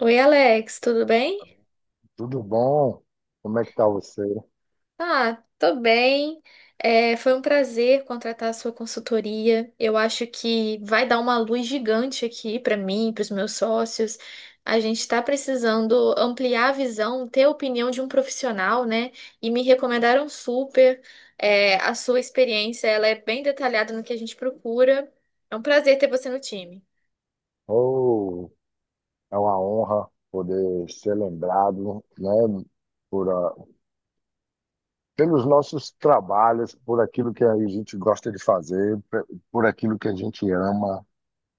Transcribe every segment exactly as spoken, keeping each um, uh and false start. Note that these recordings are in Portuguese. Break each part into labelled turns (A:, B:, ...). A: Oi, Alex, tudo bem?
B: Tudo bom? Como é que tá você?
A: Ah, tô bem. É, foi um prazer contratar a sua consultoria. Eu acho que vai dar uma luz gigante aqui para mim, para os meus sócios. A gente está precisando ampliar a visão, ter a opinião de um profissional, né? E me recomendaram super. É, a sua experiência, ela é bem detalhada no que a gente procura. É um prazer ter você no time.
B: Oh, é uma honra poder ser lembrado, né, por, ah, pelos nossos trabalhos, por aquilo que a gente gosta de fazer, pe- por aquilo que a gente ama.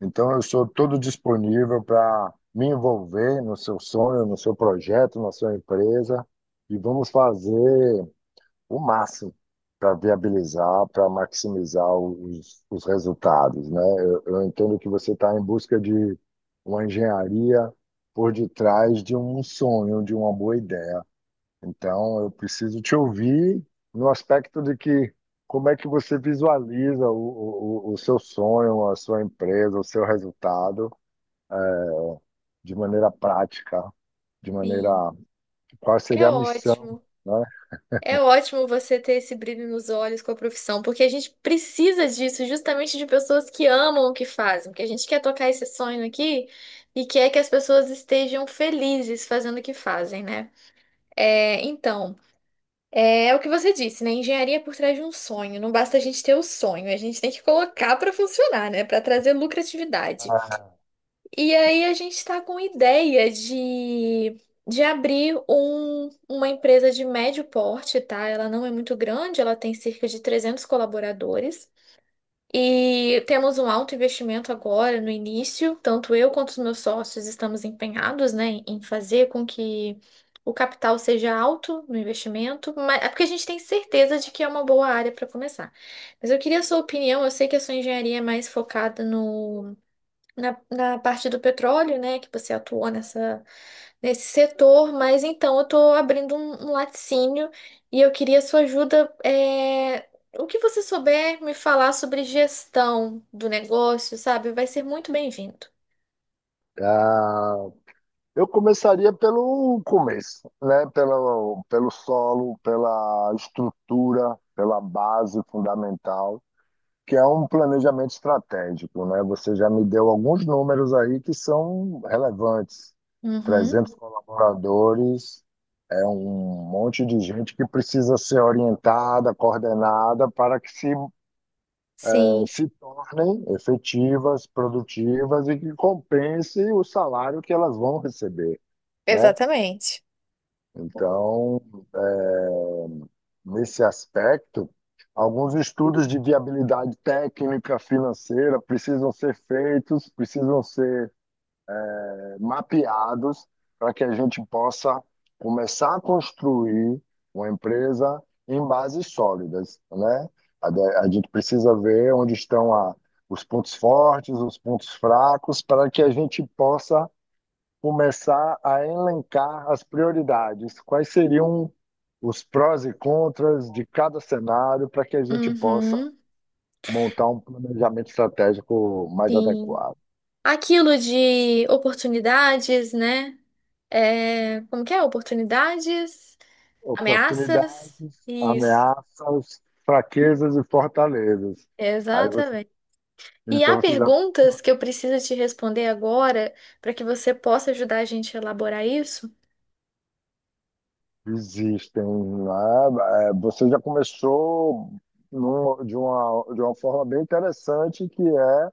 B: Então, eu sou todo disponível para me envolver no seu sonho, no seu projeto, na sua empresa, e vamos fazer o máximo para viabilizar, para maximizar os, os resultados, né? Eu, eu entendo que você está em busca de uma engenharia por detrás de um sonho, de uma boa ideia. Então, eu preciso te ouvir no aspecto de que como é que você visualiza o, o, o seu sonho, a sua empresa, o seu resultado de maneira prática, de maneira
A: Sim,
B: qual
A: é
B: seria a missão,
A: ótimo.
B: né?
A: É ótimo você ter esse brilho nos olhos com a profissão, porque a gente precisa disso, justamente de pessoas que amam o que fazem, porque a gente quer tocar esse sonho aqui e quer que as pessoas estejam felizes fazendo o que fazem, né? É, então, é, o que você disse, né? Engenharia é por trás de um sonho. Não basta a gente ter o sonho, a gente tem que colocar para funcionar, né? Para trazer lucratividade. E aí a gente está com ideia de, de abrir um, uma empresa de médio porte, tá? Ela não é muito grande, ela tem cerca de trezentos colaboradores. E temos um alto investimento agora no início, tanto eu quanto os meus sócios estamos empenhados, né, em em fazer com que o capital seja alto no investimento, mas é porque a gente tem certeza de que é uma boa área para começar. Mas eu queria a sua opinião, eu sei que a sua engenharia é mais focada no na, na parte do petróleo, né, que você atuou nessa, nesse setor, mas então eu estou abrindo um, um laticínio e eu queria sua ajuda. É, o que você souber me falar sobre gestão do negócio, sabe, vai ser muito bem-vindo.
B: É, Eu começaria pelo começo, né? Pelo, pelo solo, pela estrutura, pela base fundamental, que é um planejamento estratégico, né? Você já me deu alguns números aí que são relevantes.
A: Uhum,
B: Trezentos colaboradores, é um monte de gente que precisa ser orientada, coordenada, para que se, eh,
A: sim.
B: se tornem efetivas, produtivas e que compense o salário que elas vão receber, né?
A: Exatamente.
B: Então, nesse aspecto, alguns estudos de viabilidade técnica, financeira precisam ser feitos, precisam ser eh, mapeados para que a gente possa começar a construir uma empresa em bases sólidas, né? A, de- a gente precisa ver onde estão a, os pontos fortes, os pontos fracos, para que a gente possa começar a elencar as prioridades. Quais seriam os prós e contras de cada cenário para que a gente possa
A: Uhum,
B: montar um planejamento estratégico mais
A: sim.
B: adequado?
A: Aquilo de oportunidades, né? É, como que é? Oportunidades, ameaças.
B: Oportunidades,
A: Isso,
B: ameaças, fraquezas e fortalezas. Aí você,
A: exatamente. E
B: então
A: há
B: você já
A: perguntas que eu preciso te responder agora para que você possa ajudar a gente a elaborar isso?
B: existem, né? É, você já começou num- de uma, de uma forma bem interessante que é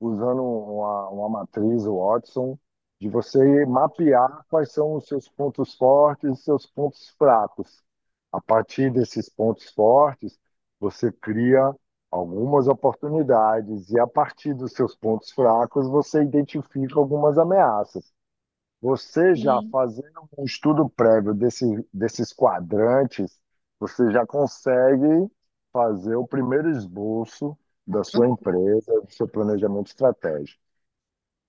B: usando uma, uma matriz Watson, de você mapear quais são os seus pontos fortes e seus pontos fracos. A partir desses pontos fortes, você cria algumas oportunidades, e a partir dos seus pontos fracos, você identifica algumas ameaças. Você já
A: Sim.
B: fazendo um estudo prévio desse, desses quadrantes, você já consegue fazer o primeiro esboço da sua empresa, do seu planejamento estratégico.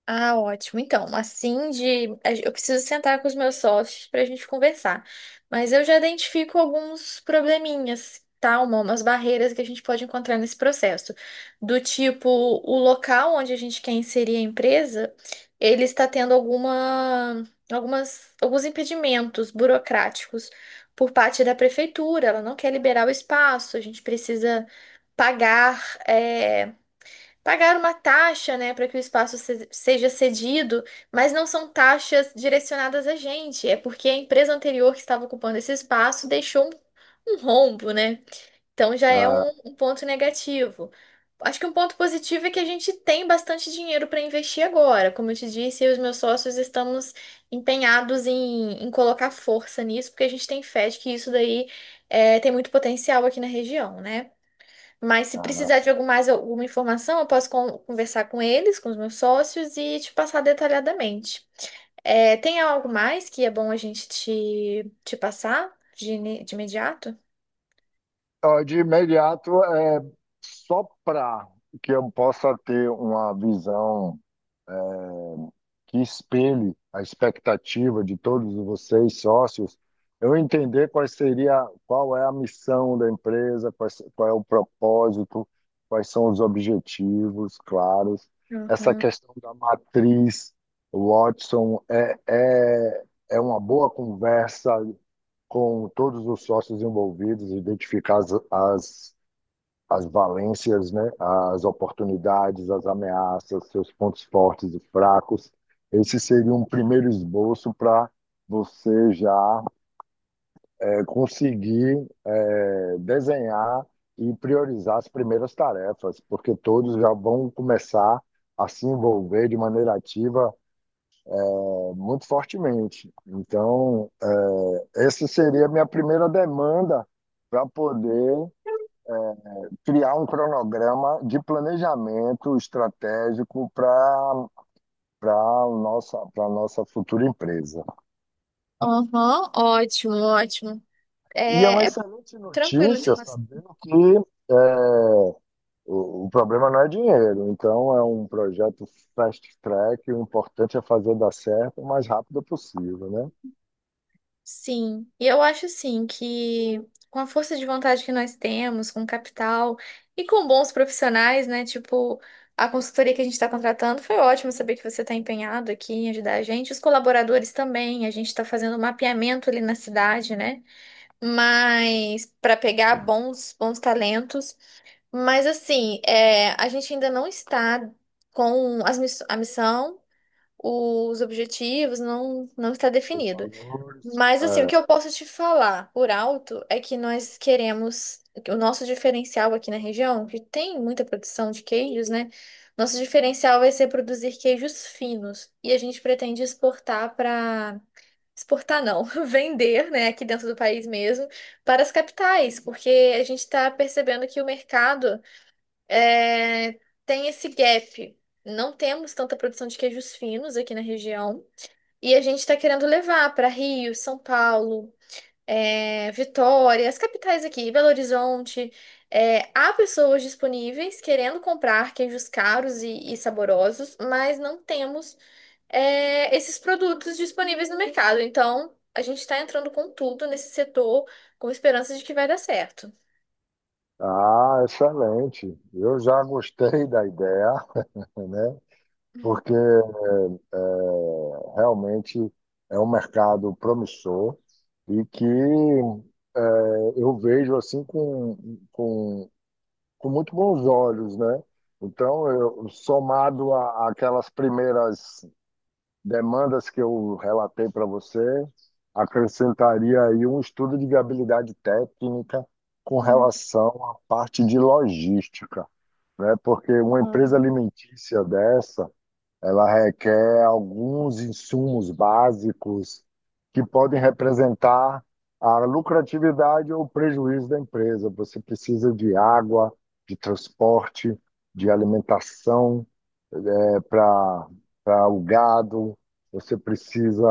A: Ah, ótimo. Então, assim de. a gen- Eu preciso sentar com os meus sócios para a gente conversar. Mas eu já identifico alguns probleminhas, tá? Uma- Umas barreiras que a gente pode encontrar nesse processo. Do tipo, o local onde a gente quer inserir a empresa, ele está tendo alguma, algumas, alguns impedimentos burocráticos por parte da prefeitura. Ela não quer liberar o espaço, a gente precisa pagar. eh, Pagar uma taxa, né, para que o espaço se- seja cedido, mas não são taxas direcionadas a gente, é porque a empresa anterior que estava ocupando esse espaço deixou um, um rombo, né? Então já é
B: Ah,
A: um, um ponto negativo. Acho que um ponto positivo é que a gente tem bastante dinheiro para investir agora. Como eu te disse, eu e os meus sócios estamos empenhados em, em colocar força nisso, porque a gente tem fé de que isso daí é, tem muito potencial aqui na região, né? Mas se precisar
B: ah.
A: de algum mais alguma informação, eu posso con- conversar com eles, com os meus sócios e te passar detalhadamente. É, tem algo mais que é bom a gente te, te passar de, ini- de imediato?
B: Então, de imediato, é só para que eu possa ter uma visão que espelhe a expectativa de todos vocês, sócios, eu entender quais seria, qual é a missão da empresa, quais- qual é o propósito, quais são os objetivos claros. Essa
A: Uhum.
B: questão da matriz, Watson, é, é, é uma boa conversa com todos os sócios envolvidos, identificar as, as as valências, né, as oportunidades, as ameaças, seus pontos fortes e fracos. Esse seria um primeiro esboço para você já é, conseguir é, desenhar e priorizar as primeiras tarefas, porque todos já vão começar a se envolver de maneira ativa é, muito fortemente. Então, é, essa seria a minha primeira demanda para poder criar um cronograma de planejamento estratégico para para a nossa, para nossa futura empresa.
A: Aham, ótimo, ótimo.
B: E é uma
A: É, é
B: excelente
A: tranquilo de
B: notícia
A: passar.
B: sabendo que é, o, o problema não é dinheiro, então é um projeto fast track, o importante é fazer dar certo o mais rápido possível, né?
A: Sim, e eu acho assim que com a força de vontade que nós temos, com capital e com bons profissionais, né? Tipo, a consultoria que a gente está contratando, foi ótimo saber que você está empenhado aqui em ajudar a gente. Os colaboradores também, a gente está fazendo um mapeamento ali na cidade, né? Mas para pegar bons, bons talentos. Mas assim, é, a gente ainda não está com as miss- a missão, os objetivos, não, não está
B: Os
A: definido.
B: valores.
A: Mas assim, o que
B: É,
A: eu posso te falar por alto é que nós queremos o nosso diferencial aqui na região, que tem muita produção de queijos, né? Nosso diferencial vai ser produzir queijos finos e a gente pretende exportar para exportar não, vender, né, aqui dentro do país mesmo, para as capitais, porque a gente está percebendo que o mercado é, tem esse gap. Não temos tanta produção de queijos finos aqui na região. E a gente está querendo levar para Rio, São Paulo, é, Vitória, as capitais aqui, Belo Horizonte, é, há pessoas disponíveis querendo comprar queijos caros e, e saborosos, mas não temos é, esses produtos disponíveis no mercado. Então, a gente está entrando com tudo nesse setor com esperança de que vai dar certo.
B: ah, excelente. Eu já gostei da ideia, né? Porque é, realmente é um mercado promissor e que é, eu vejo assim com, com, com muito bons olhos, né? Então, eu, somado a- àquelas primeiras demandas que eu relatei para você, acrescentaria aí um estudo de viabilidade técnica com
A: Hum,
B: relação à parte de logística, né? Porque uma empresa
A: uhum.
B: alimentícia dessa ela requer alguns insumos básicos que podem representar a lucratividade ou prejuízo da empresa. Você precisa de água, de transporte, de alimentação é, para para o gado. Você precisa,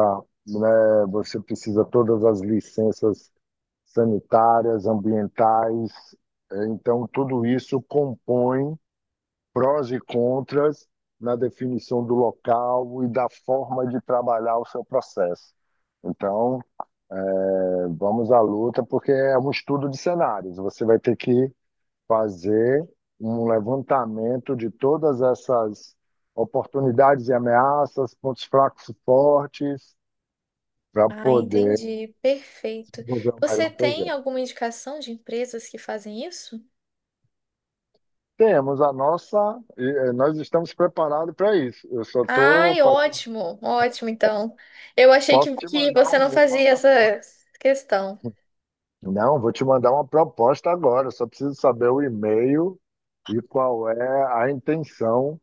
B: né, você precisa todas as licenças sanitárias, ambientais. É, então, tudo isso compõe prós e contras na definição do local e da forma de trabalhar o seu processo. Então, é, vamos à luta, porque é um estudo de cenários. Você vai ter que fazer um levantamento de todas essas oportunidades e ameaças, pontos fracos e fortes, para
A: Ah,
B: poder
A: entendi. Perfeito.
B: desenvolver o
A: Você
B: melhor
A: tem
B: projeto.
A: alguma indicação de empresas que fazem isso?
B: Temos a nossa, nós estamos preparados para isso. Eu só estou
A: Ai,
B: fazendo,
A: ótimo, ótimo, então. Eu achei que,
B: posso te
A: que
B: mandar
A: você
B: um
A: não fazia
B: nosso apoio.
A: essa questão.
B: Não, vou te mandar uma proposta agora. Só preciso saber o e-mail e qual é a intenção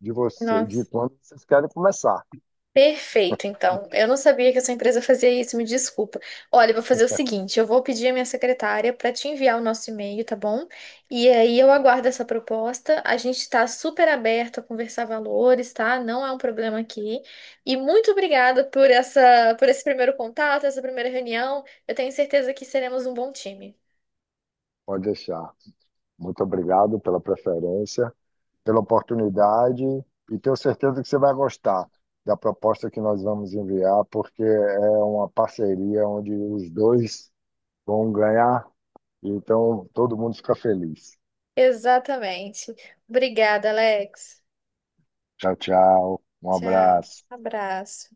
B: de você, de
A: Nossa.
B: quando vocês querem começar.
A: Perfeito, então. Eu não sabia que a sua empresa fazia isso, me desculpa. Olha, eu vou fazer o seguinte: eu vou pedir à minha secretária para te enviar o nosso e-mail, tá bom? E aí eu aguardo essa proposta. A gente está super aberto a conversar valores, tá? Não é um problema aqui. E muito obrigada por essa, por esse primeiro contato, essa primeira reunião. Eu tenho certeza que seremos um bom time.
B: Pode deixar. Muito obrigado pela preferência, pela oportunidade e tenho certeza que você vai gostar da proposta que nós vamos enviar, porque é uma parceria onde os dois vão ganhar, então todo mundo fica feliz.
A: Exatamente. Obrigada, Alex.
B: Tchau, tchau. Um
A: Tchau.
B: abraço.
A: Abraço.